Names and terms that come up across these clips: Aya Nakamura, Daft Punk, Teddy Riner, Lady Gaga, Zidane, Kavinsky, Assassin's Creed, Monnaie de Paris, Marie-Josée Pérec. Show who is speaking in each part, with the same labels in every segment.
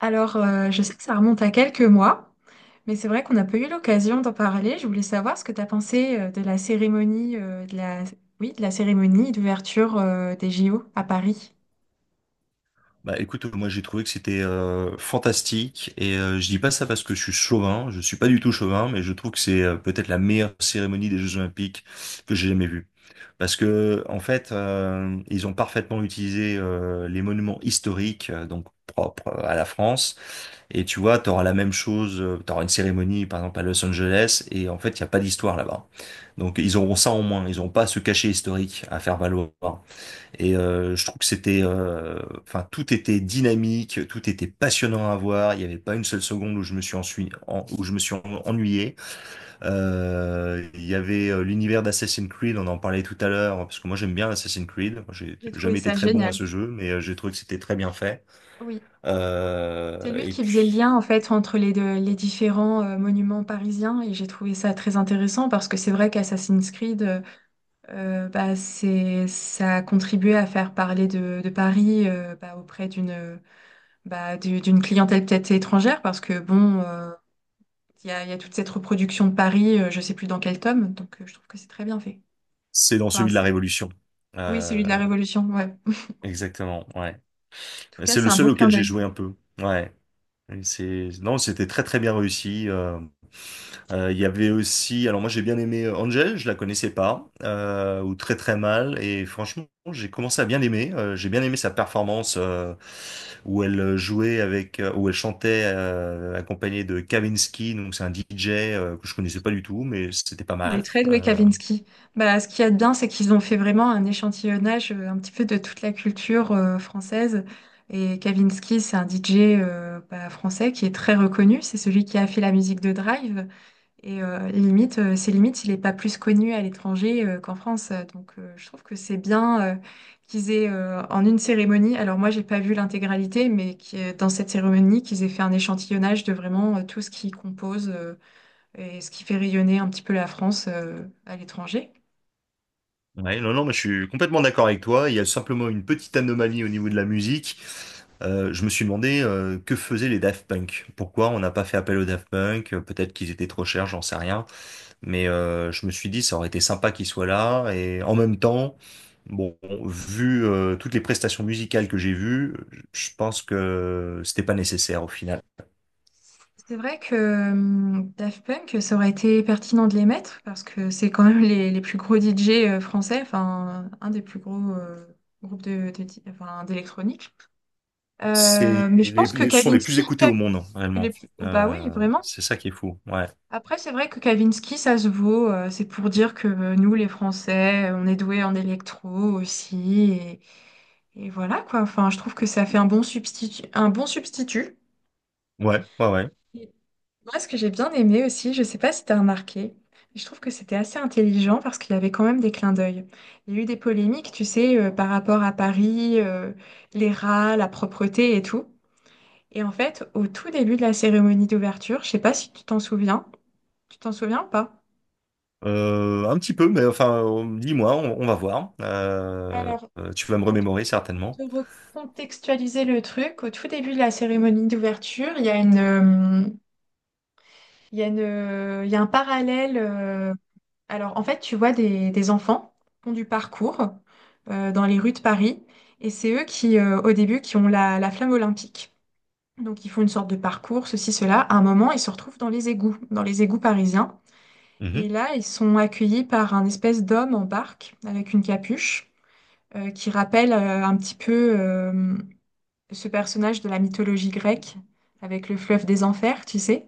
Speaker 1: Alors, je sais que ça remonte à quelques mois, mais c'est vrai qu'on n'a pas eu l'occasion d'en parler. Je voulais savoir ce que tu as pensé de la cérémonie, Oui, de la cérémonie d'ouverture des JO à Paris.
Speaker 2: Bah écoute, moi j'ai trouvé que c'était fantastique et je dis pas ça parce que je suis chauvin, je suis pas du tout chauvin, mais je trouve que c'est peut-être la meilleure cérémonie des Jeux Olympiques que j'ai jamais vue. Parce que en fait, ils ont parfaitement utilisé les monuments historiques donc propres à la France et tu vois, t'auras la même chose, t'auras une cérémonie par exemple à Los Angeles et en fait, il y a pas d'histoire là-bas. Donc ils auront ça en moins, ils n'auront pas ce cachet historique à faire valoir. Et je trouve que c'était, enfin, tout était dynamique, tout était passionnant à voir. Il n'y avait pas une seule seconde où je me suis ennuyé. Il y avait l'univers d'Assassin's Creed, on en parlait tout à l'heure, parce que moi j'aime bien Assassin's Creed. J'ai
Speaker 1: J'ai trouvé
Speaker 2: jamais été
Speaker 1: ça
Speaker 2: très bon à
Speaker 1: génial.
Speaker 2: ce jeu, mais j'ai trouvé que c'était très bien fait.
Speaker 1: Oui, c'est lui
Speaker 2: Et
Speaker 1: qui faisait le lien
Speaker 2: puis,
Speaker 1: en fait entre les différents monuments parisiens et j'ai trouvé ça très intéressant parce que c'est vrai qu'Assassin's Creed, ça a contribué à faire parler de Paris auprès d'une clientèle peut-être étrangère parce que il y a toute cette reproduction de Paris, je sais plus dans quel tome, je trouve que c'est très bien fait.
Speaker 2: c'est dans
Speaker 1: Enfin,
Speaker 2: celui de la
Speaker 1: c'est-
Speaker 2: Révolution.
Speaker 1: oui,
Speaker 2: Euh,
Speaker 1: celui de la Révolution, ouais. En
Speaker 2: Exactement, ouais.
Speaker 1: tout cas,
Speaker 2: C'est
Speaker 1: c'est
Speaker 2: le
Speaker 1: un
Speaker 2: seul
Speaker 1: beau clin
Speaker 2: auquel j'ai
Speaker 1: d'œil.
Speaker 2: joué un peu. Ouais. Et non, c'était très très bien réussi. Il y avait aussi, alors moi j'ai bien aimé Angel, je la connaissais pas, ou très très mal, et franchement j'ai commencé à bien l'aimer. J'ai bien aimé sa performance où elle chantait accompagnée de Kavinsky, donc c'est un DJ que je connaissais pas du tout, mais c'était pas
Speaker 1: Il est
Speaker 2: mal.
Speaker 1: très doué, Kavinsky. Bah, ce qu'il y a de bien, c'est qu'ils ont fait vraiment un échantillonnage un petit peu de toute la culture française. Et Kavinsky, c'est un DJ français qui est très reconnu. C'est celui qui a fait la musique de Drive. C'est limite, il n'est pas plus connu à l'étranger qu'en France. Donc, je trouve que c'est bien qu'ils aient, en une cérémonie. Alors moi, j'ai pas vu l'intégralité, mais dans cette cérémonie, qu'ils aient fait un échantillonnage de vraiment tout ce qui compose et ce qui fait rayonner un petit peu la France à l'étranger.
Speaker 2: Ouais, non non, mais je suis complètement d'accord avec toi. Il y a simplement une petite anomalie au niveau de la musique. Je me suis demandé que faisaient les Daft Punk. Pourquoi on n'a pas fait appel aux Daft Punk? Peut-être qu'ils étaient trop chers, j'en sais rien. Mais je me suis dit, ça aurait été sympa qu'il soit là. Et en même temps, bon, vu toutes les prestations musicales que j'ai vues, je pense que c'était pas nécessaire au final.
Speaker 1: C'est vrai que Daft Punk, ça aurait été pertinent de les mettre parce que c'est quand même les plus gros DJ français, enfin, un des plus gros groupes enfin, d'électronique.
Speaker 2: C'est
Speaker 1: Mais je
Speaker 2: les,
Speaker 1: pense que
Speaker 2: les sont les plus écoutés au monde,
Speaker 1: Les
Speaker 2: réellement.
Speaker 1: plus- oh, bah oui, vraiment.
Speaker 2: C'est ça qui est fou. Ouais,
Speaker 1: Après, c'est vrai que Kavinsky, ça se vaut. C'est pour dire que nous, les Français, on est doués en électro aussi. Et voilà, quoi. Enfin, je trouve que ça fait un bon substitut. Un bon substitut.
Speaker 2: ouais, ouais, ouais.
Speaker 1: Et Moi, ce que j'ai bien aimé aussi, je sais pas si tu as remarqué, mais je trouve que c'était assez intelligent parce qu'il y avait quand même des clins d'œil. Il y a eu des polémiques, tu sais, par rapport à Paris, les rats, la propreté et tout. Et en fait, au tout début de la cérémonie d'ouverture, je sais pas si tu t'en souviens, tu t'en souviens ou pas?
Speaker 2: Un petit peu, mais enfin, dis-moi, on va voir.
Speaker 1: Alors,
Speaker 2: Tu vas me
Speaker 1: pour
Speaker 2: remémorer
Speaker 1: Pour
Speaker 2: certainement.
Speaker 1: te recontextualiser le truc, au tout début de la cérémonie d'ouverture, il y a une, il y a une, il y a un parallèle. Alors, en fait, tu vois des enfants qui font du parcours dans les rues de Paris, et c'est eux qui, au début, qui ont la flamme olympique. Donc, ils font une sorte de parcours, ceci, cela. À un moment, ils se retrouvent dans les égouts parisiens. Et
Speaker 2: Mhm.
Speaker 1: là, ils sont accueillis par un espèce d'homme en barque avec une capuche qui rappelle un petit peu ce personnage de la mythologie grecque avec le fleuve des enfers, tu sais.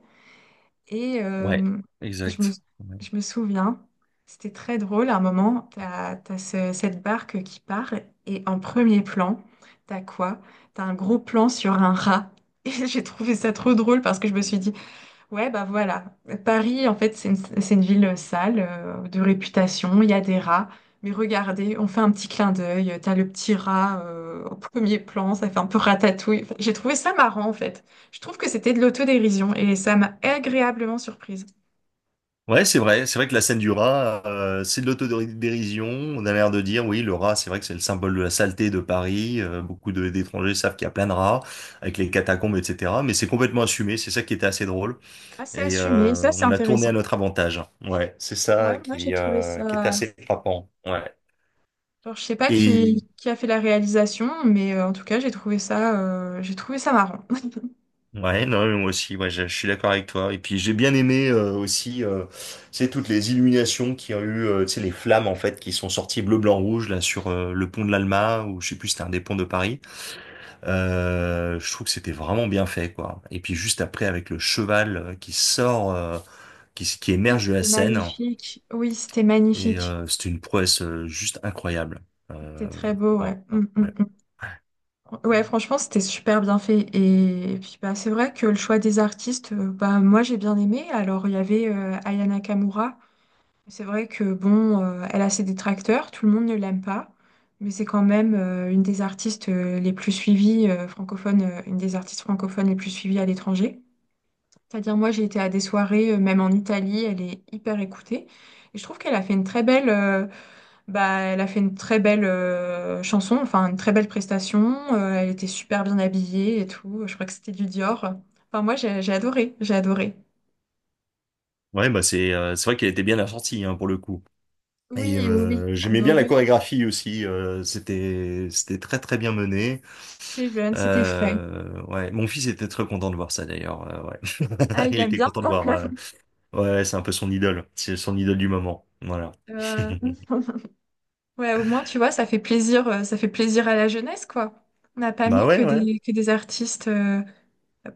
Speaker 1: Et
Speaker 2: Ouais,
Speaker 1: euh, je me,
Speaker 2: exact.
Speaker 1: je me souviens, c'était très drôle. À un moment, cette barque qui part et en premier plan, t'as quoi? T'as un gros plan sur un rat. Et j'ai trouvé ça trop drôle parce que je me suis dit, ouais, bah voilà. Paris, en fait, c'est une ville sale, de réputation, il y a des rats. Mais regardez, on fait un petit clin d'œil, t'as le petit rat au premier plan, ça fait un peu ratatouille. Enfin, j'ai trouvé ça marrant, en fait. Je trouve que c'était de l'autodérision et ça m'a agréablement surprise.
Speaker 2: Ouais, c'est vrai. C'est vrai que la scène du rat, c'est de l'autodérision. On a l'air de dire, oui, le rat, c'est vrai que c'est le symbole de la saleté de Paris. Beaucoup d'étrangers savent qu'il y a plein de rats, avec les catacombes, etc. Mais c'est complètement assumé. C'est ça qui était assez drôle.
Speaker 1: Assez
Speaker 2: Et
Speaker 1: assumé, ça
Speaker 2: euh,
Speaker 1: c'est
Speaker 2: on l'a tourné à
Speaker 1: intéressant.
Speaker 2: notre avantage. Ouais, c'est ça
Speaker 1: Ouais, moi j'ai
Speaker 2: qui,
Speaker 1: trouvé
Speaker 2: euh, qui était
Speaker 1: ça...
Speaker 2: assez frappant. Ouais.
Speaker 1: Alors, je sais pas
Speaker 2: Et
Speaker 1: qui a fait la réalisation, mais en tout cas, j'ai trouvé ça marrant.
Speaker 2: Ouais, non, mais moi aussi, ouais, je suis d'accord avec toi. Et puis j'ai bien aimé aussi, c'est toutes les illuminations qu'il y a eu, tu sais, les flammes en fait qui sont sorties bleu, blanc, rouge là sur le pont de l'Alma ou je sais plus, si c'était un des ponts de Paris. Je trouve que c'était vraiment bien fait, quoi. Et puis juste après avec le cheval qui sort, qui, s- qui
Speaker 1: Oui,
Speaker 2: émerge de la
Speaker 1: c'était
Speaker 2: scène,
Speaker 1: magnifique. Oui, c'était
Speaker 2: et
Speaker 1: magnifique.
Speaker 2: c'était une prouesse juste incroyable.
Speaker 1: C'était
Speaker 2: Euh,
Speaker 1: très beau,
Speaker 2: ouais,
Speaker 1: ouais.
Speaker 2: ouais.
Speaker 1: Mm. Ouais, franchement, c'était super bien fait. C'est vrai que le choix des artistes, moi, j'ai bien aimé. Alors, il y avait Aya Nakamura. C'est vrai que, bon, elle a ses détracteurs, tout le monde ne l'aime pas. Mais c'est quand même une des artistes les plus suivies francophones, une des artistes francophones les plus suivies à l'étranger. C'est-à-dire, moi, j'ai été à des soirées, même en Italie, elle est hyper écoutée. Et je trouve qu'elle a fait une très belle, bah, Elle a fait une très belle chanson, enfin une très belle prestation. Elle était super bien habillée et tout. Je crois que c'était du Dior. Enfin, moi, j'ai adoré, j'ai adoré.
Speaker 2: Ouais, bah c'est vrai qu'elle était bien assortie hein, pour le coup. Et
Speaker 1: Oui, oui, oui,
Speaker 2: euh, j'aimais bien la
Speaker 1: adoré.
Speaker 2: chorégraphie aussi. C'était très très bien mené.
Speaker 1: C'était jeune, c'était frais.
Speaker 2: Ouais, mon fils était très content de voir ça d'ailleurs.
Speaker 1: Ah,
Speaker 2: Ouais,
Speaker 1: il
Speaker 2: il
Speaker 1: aime
Speaker 2: était
Speaker 1: bien.
Speaker 2: content de voir. Ouais, c'est un peu son idole. C'est son idole du moment. Voilà.
Speaker 1: Euh, Ouais, au moins, tu vois, ça fait plaisir à la jeunesse, quoi. On n'a pas
Speaker 2: Bah
Speaker 1: mis
Speaker 2: ouais, ouais,
Speaker 1: que des artistes euh,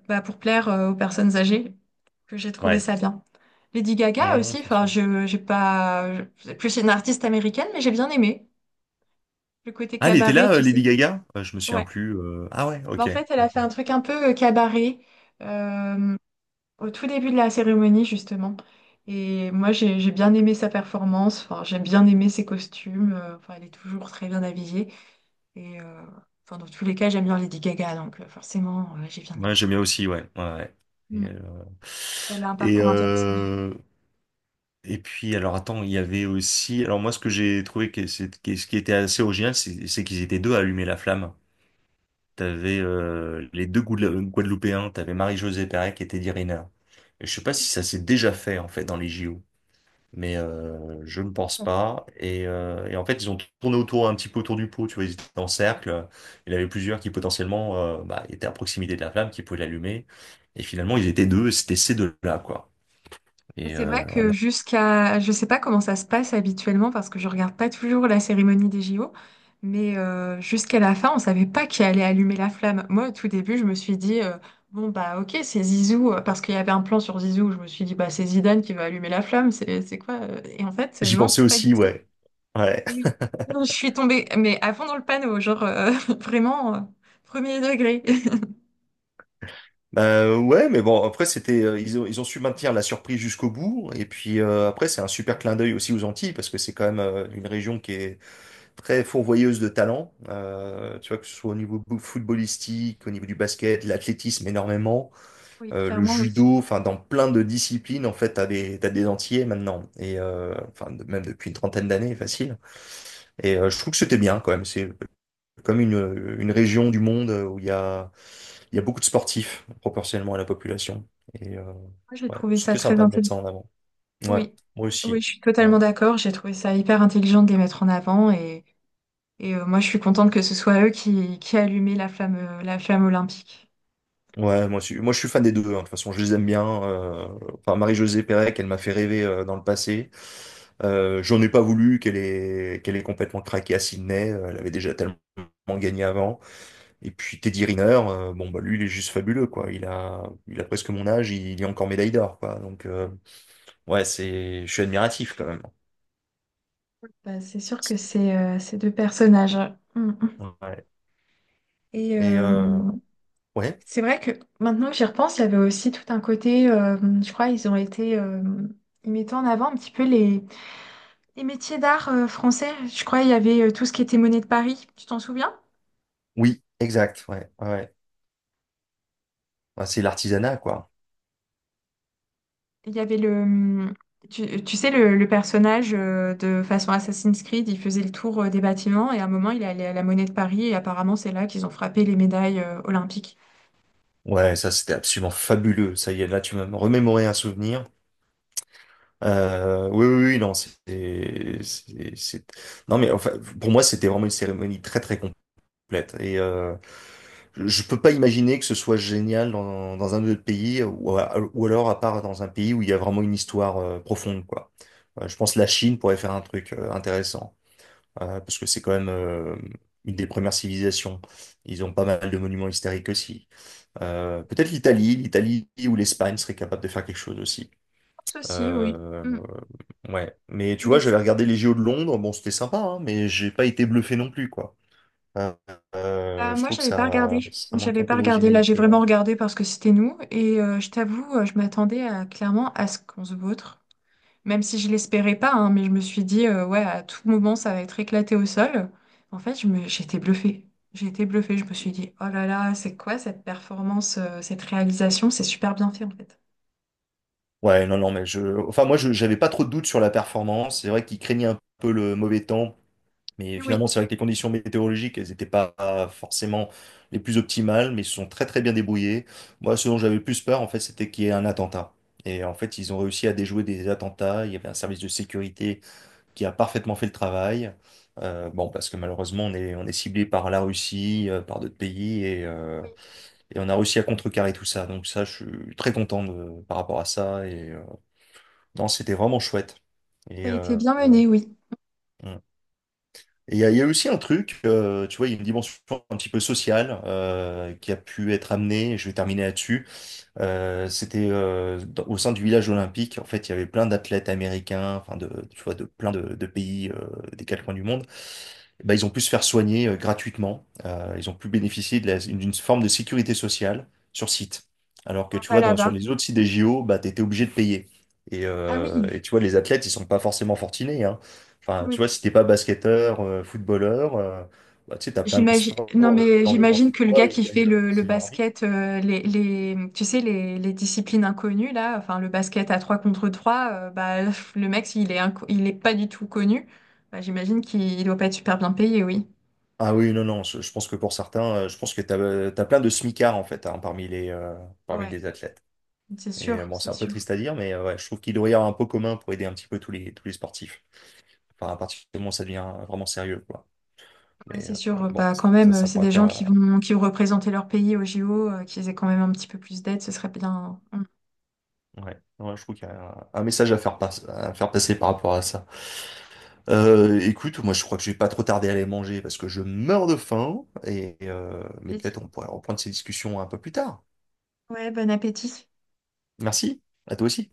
Speaker 1: bah, pour plaire aux personnes âgées, que j'ai trouvé
Speaker 2: ouais.
Speaker 1: ça bien. Lady Gaga
Speaker 2: Non, non,
Speaker 1: aussi,
Speaker 2: c'est
Speaker 1: enfin,
Speaker 2: sûr.
Speaker 1: je, j'ai pas, je- c'est plus une artiste américaine, mais j'ai bien aimé. Le côté
Speaker 2: Ah, elle était
Speaker 1: cabaret,
Speaker 2: là,
Speaker 1: tu
Speaker 2: Lady
Speaker 1: sais.
Speaker 2: Gaga? Je me souviens
Speaker 1: Ouais.
Speaker 2: plus. Ah ouais,
Speaker 1: Bah,
Speaker 2: OK,
Speaker 1: en fait, elle a fait
Speaker 2: d'accord.
Speaker 1: un truc un peu cabaret euh, au tout début de la cérémonie, justement. Et moi, j'ai bien aimé sa performance. Enfin, j'ai bien aimé ses costumes. Enfin, elle est toujours très bien habillée. Et euh, enfin, dans tous les cas, j'aime bien Lady Gaga. Donc, forcément, j'ai bien
Speaker 2: Ouais,
Speaker 1: aimé, quoi.
Speaker 2: j'aimais aussi, ouais, ouais. Ouais. Et,
Speaker 1: Mm.
Speaker 2: euh,
Speaker 1: Elle a un
Speaker 2: et,
Speaker 1: parcours intéressant.
Speaker 2: euh, Et puis, alors attends, il y avait aussi. Alors, moi, ce que j'ai trouvé, que ce qui était assez original, c'est qu'ils étaient deux à allumer la flamme. T'avais les deux Guadeloupéens, t'avais Marie-Josée Pérec et Teddy Riner. Et je sais pas si ça s'est déjà fait, en fait, dans les JO, mais je ne pense pas. Et en fait, ils ont tourné autour, un petit peu autour du pot, tu vois, ils étaient en cercle. Il y en avait plusieurs qui potentiellement bah, étaient à proximité de la flamme, qui pouvaient l'allumer. Et finalement, ils étaient deux, et c'était ces deux-là, quoi. Et
Speaker 1: C'est
Speaker 2: euh,
Speaker 1: vrai
Speaker 2: on
Speaker 1: que
Speaker 2: a-
Speaker 1: jusqu'à, je sais pas comment ça se passe habituellement parce que je regarde pas toujours la cérémonie des JO, mais jusqu'à la fin, on savait pas qui allait allumer la flamme. Moi, au tout début, je me suis dit bon bah ok, c'est Zizou parce qu'il y avait un plan sur Zizou. Je me suis dit bah c'est Zidane qui va allumer la flamme, c'est quoi? Et en fait,
Speaker 2: J'y
Speaker 1: non,
Speaker 2: pensais
Speaker 1: pas du
Speaker 2: aussi,
Speaker 1: tout.
Speaker 2: ouais. Ouais.
Speaker 1: Oui, non, je suis tombée, mais à fond dans le panneau, vraiment premier degré.
Speaker 2: Ben ouais, mais bon, après ils ont su maintenir la surprise jusqu'au bout, et puis après c'est un super clin d'œil aussi aux Antilles parce que c'est quand même une région qui est très fourvoyeuse de talents, tu vois que ce soit au niveau footballistique, au niveau du basket, l'athlétisme énormément,
Speaker 1: Oui,
Speaker 2: le
Speaker 1: clairement, oui.
Speaker 2: judo, enfin dans plein de disciplines en fait t'as des Antillais maintenant, et enfin même depuis une trentaine d'années facile, et je trouve que c'était bien quand même, c'est comme une région du monde où il y a beaucoup de sportifs proportionnellement à la population. Et
Speaker 1: Moi, j'ai
Speaker 2: ouais,
Speaker 1: trouvé ça
Speaker 2: c'était
Speaker 1: très
Speaker 2: sympa de mettre
Speaker 1: intelligent.
Speaker 2: ça en avant. Ouais,
Speaker 1: Oui,
Speaker 2: moi
Speaker 1: oui,
Speaker 2: aussi.
Speaker 1: je suis
Speaker 2: Ouais,
Speaker 1: totalement d'accord. J'ai trouvé ça hyper intelligent de les mettre en avant et, moi je suis contente que ce soit eux qui allumaient la flamme olympique.
Speaker 2: Ouais, moi, aussi. Moi, je suis fan des deux, hein. De toute façon, je les aime bien. Enfin, Marie-Josée Pérec, elle m'a fait rêver dans le passé. J'en ai pas voulu qu'elle ait complètement craqué à Sydney. Elle avait déjà tellement gagné avant. Et puis Teddy Riner, bon, bah, lui, il est juste fabuleux, quoi. Il a presque mon âge, il est encore médaille d'or, quoi. Donc, ouais, je suis admiratif quand même.
Speaker 1: Bah, c'est sûr que c'est ces deux personnages. Mm.
Speaker 2: Ouais.
Speaker 1: Et
Speaker 2: Et
Speaker 1: euh,
Speaker 2: euh, ouais,
Speaker 1: c'est vrai que maintenant que j'y repense, il y avait aussi tout un côté, je crois, ils ont été, ils mettaient en avant un petit peu les métiers d'art français. Je crois il y avait tout ce qui était monnaie de Paris, tu t'en souviens?
Speaker 2: oui, exact. Ouais, ouais. Ouais. Ouais, c'est l'artisanat, quoi.
Speaker 1: Il y avait le... Tu sais, le personnage de façon Assassin's Creed, il faisait le tour des bâtiments et à un moment, il est allé à la Monnaie de Paris et apparemment, c'est là qu'ils ont frappé les médailles olympiques.
Speaker 2: Ouais, ça c'était absolument fabuleux. Ça y est, là tu m'as remémoré un souvenir. Oui, oui, oui, non, c'est, c'est- non mais enfin, pour moi c'était vraiment une cérémonie très très complète. Et je peux pas imaginer que ce soit génial dans un autre pays ou, ou alors à part dans un pays où il y a vraiment une histoire profonde, quoi. Je pense que la Chine pourrait faire un truc intéressant. Parce que c'est quand même une des premières civilisations. Ils ont pas mal de monuments historiques aussi. Peut-être l'Italie, ou l'Espagne seraient capables de faire quelque chose aussi.
Speaker 1: Ceci, oui.
Speaker 2: Euh,
Speaker 1: Mm.
Speaker 2: ouais, mais tu vois,
Speaker 1: Mais
Speaker 2: j'avais
Speaker 1: c'est-
Speaker 2: regardé les JO de Londres, bon, c'était sympa, hein, mais j'ai pas été bluffé non plus, quoi. Euh,
Speaker 1: Bah,
Speaker 2: je
Speaker 1: moi,
Speaker 2: trouve que
Speaker 1: j'avais pas regardé.
Speaker 2: ça manque
Speaker 1: J'avais
Speaker 2: un
Speaker 1: pas
Speaker 2: peu
Speaker 1: regardé. Là, j'ai
Speaker 2: d'originalité, ouais.
Speaker 1: vraiment regardé parce que c'était nous. Je t'avoue, je m'attendais à, clairement à ce qu'on se vautre. Même si je l'espérais pas, hein, mais je me suis dit, ouais, à tout moment, ça va être éclaté au sol. En fait, je me... j'ai été bluffée. J'ai été bluffée. Je me suis dit, oh là là, c'est quoi cette performance, cette réalisation? C'est super bien fait, en fait.
Speaker 2: Ouais, non, non, mais je, enfin, moi, je, j'avais pas trop de doutes sur la performance. C'est vrai qu'ils craignaient un peu le mauvais temps. Mais
Speaker 1: Oui,
Speaker 2: finalement, c'est vrai que les conditions météorologiques, elles n'étaient pas forcément les plus optimales, mais ils se sont très très bien débrouillés. Moi, ce dont j'avais le plus peur, en fait, c'était qu'il y ait un attentat. Et en fait, ils ont réussi à déjouer des attentats. Il y avait un service de sécurité qui a parfaitement fait le travail. Bon, parce que malheureusement, on est ciblé par la Russie, par d'autres pays, et, euh,
Speaker 1: oui,
Speaker 2: et on a réussi à contrecarrer tout ça. Donc ça, je suis très content par rapport à ça. Et non, c'était vraiment chouette.
Speaker 1: ça
Speaker 2: Et
Speaker 1: a été
Speaker 2: euh,
Speaker 1: bien mené, oui.
Speaker 2: Il y a aussi un truc, tu vois, il y a une dimension un petit peu sociale qui a pu être amenée, et je vais terminer là-dessus. C'était au sein du village olympique, en fait, il y avait plein d'athlètes américains, enfin, de, tu vois, de plein de pays des quatre coins du monde bah, ils ont pu se faire soigner gratuitement. Ils ont pu bénéficier d'une forme de sécurité sociale sur site. Alors que tu
Speaker 1: Pas
Speaker 2: vois,
Speaker 1: là-bas.
Speaker 2: sur les autres sites des JO, bah, tu étais obligé de payer. Et,
Speaker 1: Ah
Speaker 2: euh,
Speaker 1: oui,
Speaker 2: et tu vois, les athlètes, ils sont pas forcément fortunés, hein.
Speaker 1: oui.
Speaker 2: Enfin,
Speaker 1: Oui.
Speaker 2: tu vois, si t'es pas basketteur, footballeur, bah, tu sais, t'as plein de
Speaker 1: J'imagine,
Speaker 2: sports,
Speaker 1: non mais
Speaker 2: genre le
Speaker 1: j'imagine
Speaker 2: lancer de
Speaker 1: que le
Speaker 2: poids,
Speaker 1: gars
Speaker 2: ils
Speaker 1: qui fait
Speaker 2: gagnent
Speaker 1: le
Speaker 2: quasiment leur vie.
Speaker 1: basket, tu sais, les disciplines inconnues là, enfin le basket à 3 contre 3, bah, pff, le mec, il est pas du tout connu, bah, j'imagine qu'il doit pas être super bien payé, oui.
Speaker 2: Ah oui, non, non, je pense que pour certains, je pense que t'as, as plein de smicards, en fait, hein, parmi les, euh, parmi
Speaker 1: Ouais,
Speaker 2: les athlètes.
Speaker 1: c'est
Speaker 2: Et
Speaker 1: sûr,
Speaker 2: bon, c'est
Speaker 1: c'est
Speaker 2: un peu
Speaker 1: sûr.
Speaker 2: triste à dire, mais ouais, je trouve qu'il doit y avoir un pot commun pour aider un petit peu tous les sportifs. Enfin, à partir du moment où ça devient vraiment sérieux, quoi.
Speaker 1: Ouais,
Speaker 2: Mais
Speaker 1: c'est sûr,
Speaker 2: bon,
Speaker 1: bah quand
Speaker 2: ça,
Speaker 1: même,
Speaker 2: ça
Speaker 1: c'est
Speaker 2: pourrait
Speaker 1: des gens
Speaker 2: faire.
Speaker 1: qui vont représenter leur pays au JO, qu'ils aient quand même un petit peu plus d'aide, ce serait bien. Bon
Speaker 2: Ouais, Ouais, je trouve qu'il y a un message à faire passer par rapport à ça. Écoute, moi, je crois que je vais pas trop tarder à aller manger parce que je meurs de faim. Mais
Speaker 1: appétit.
Speaker 2: peut-être on pourrait reprendre ces discussions un peu plus tard.
Speaker 1: Ouais, bon appétit.
Speaker 2: Merci, à toi aussi.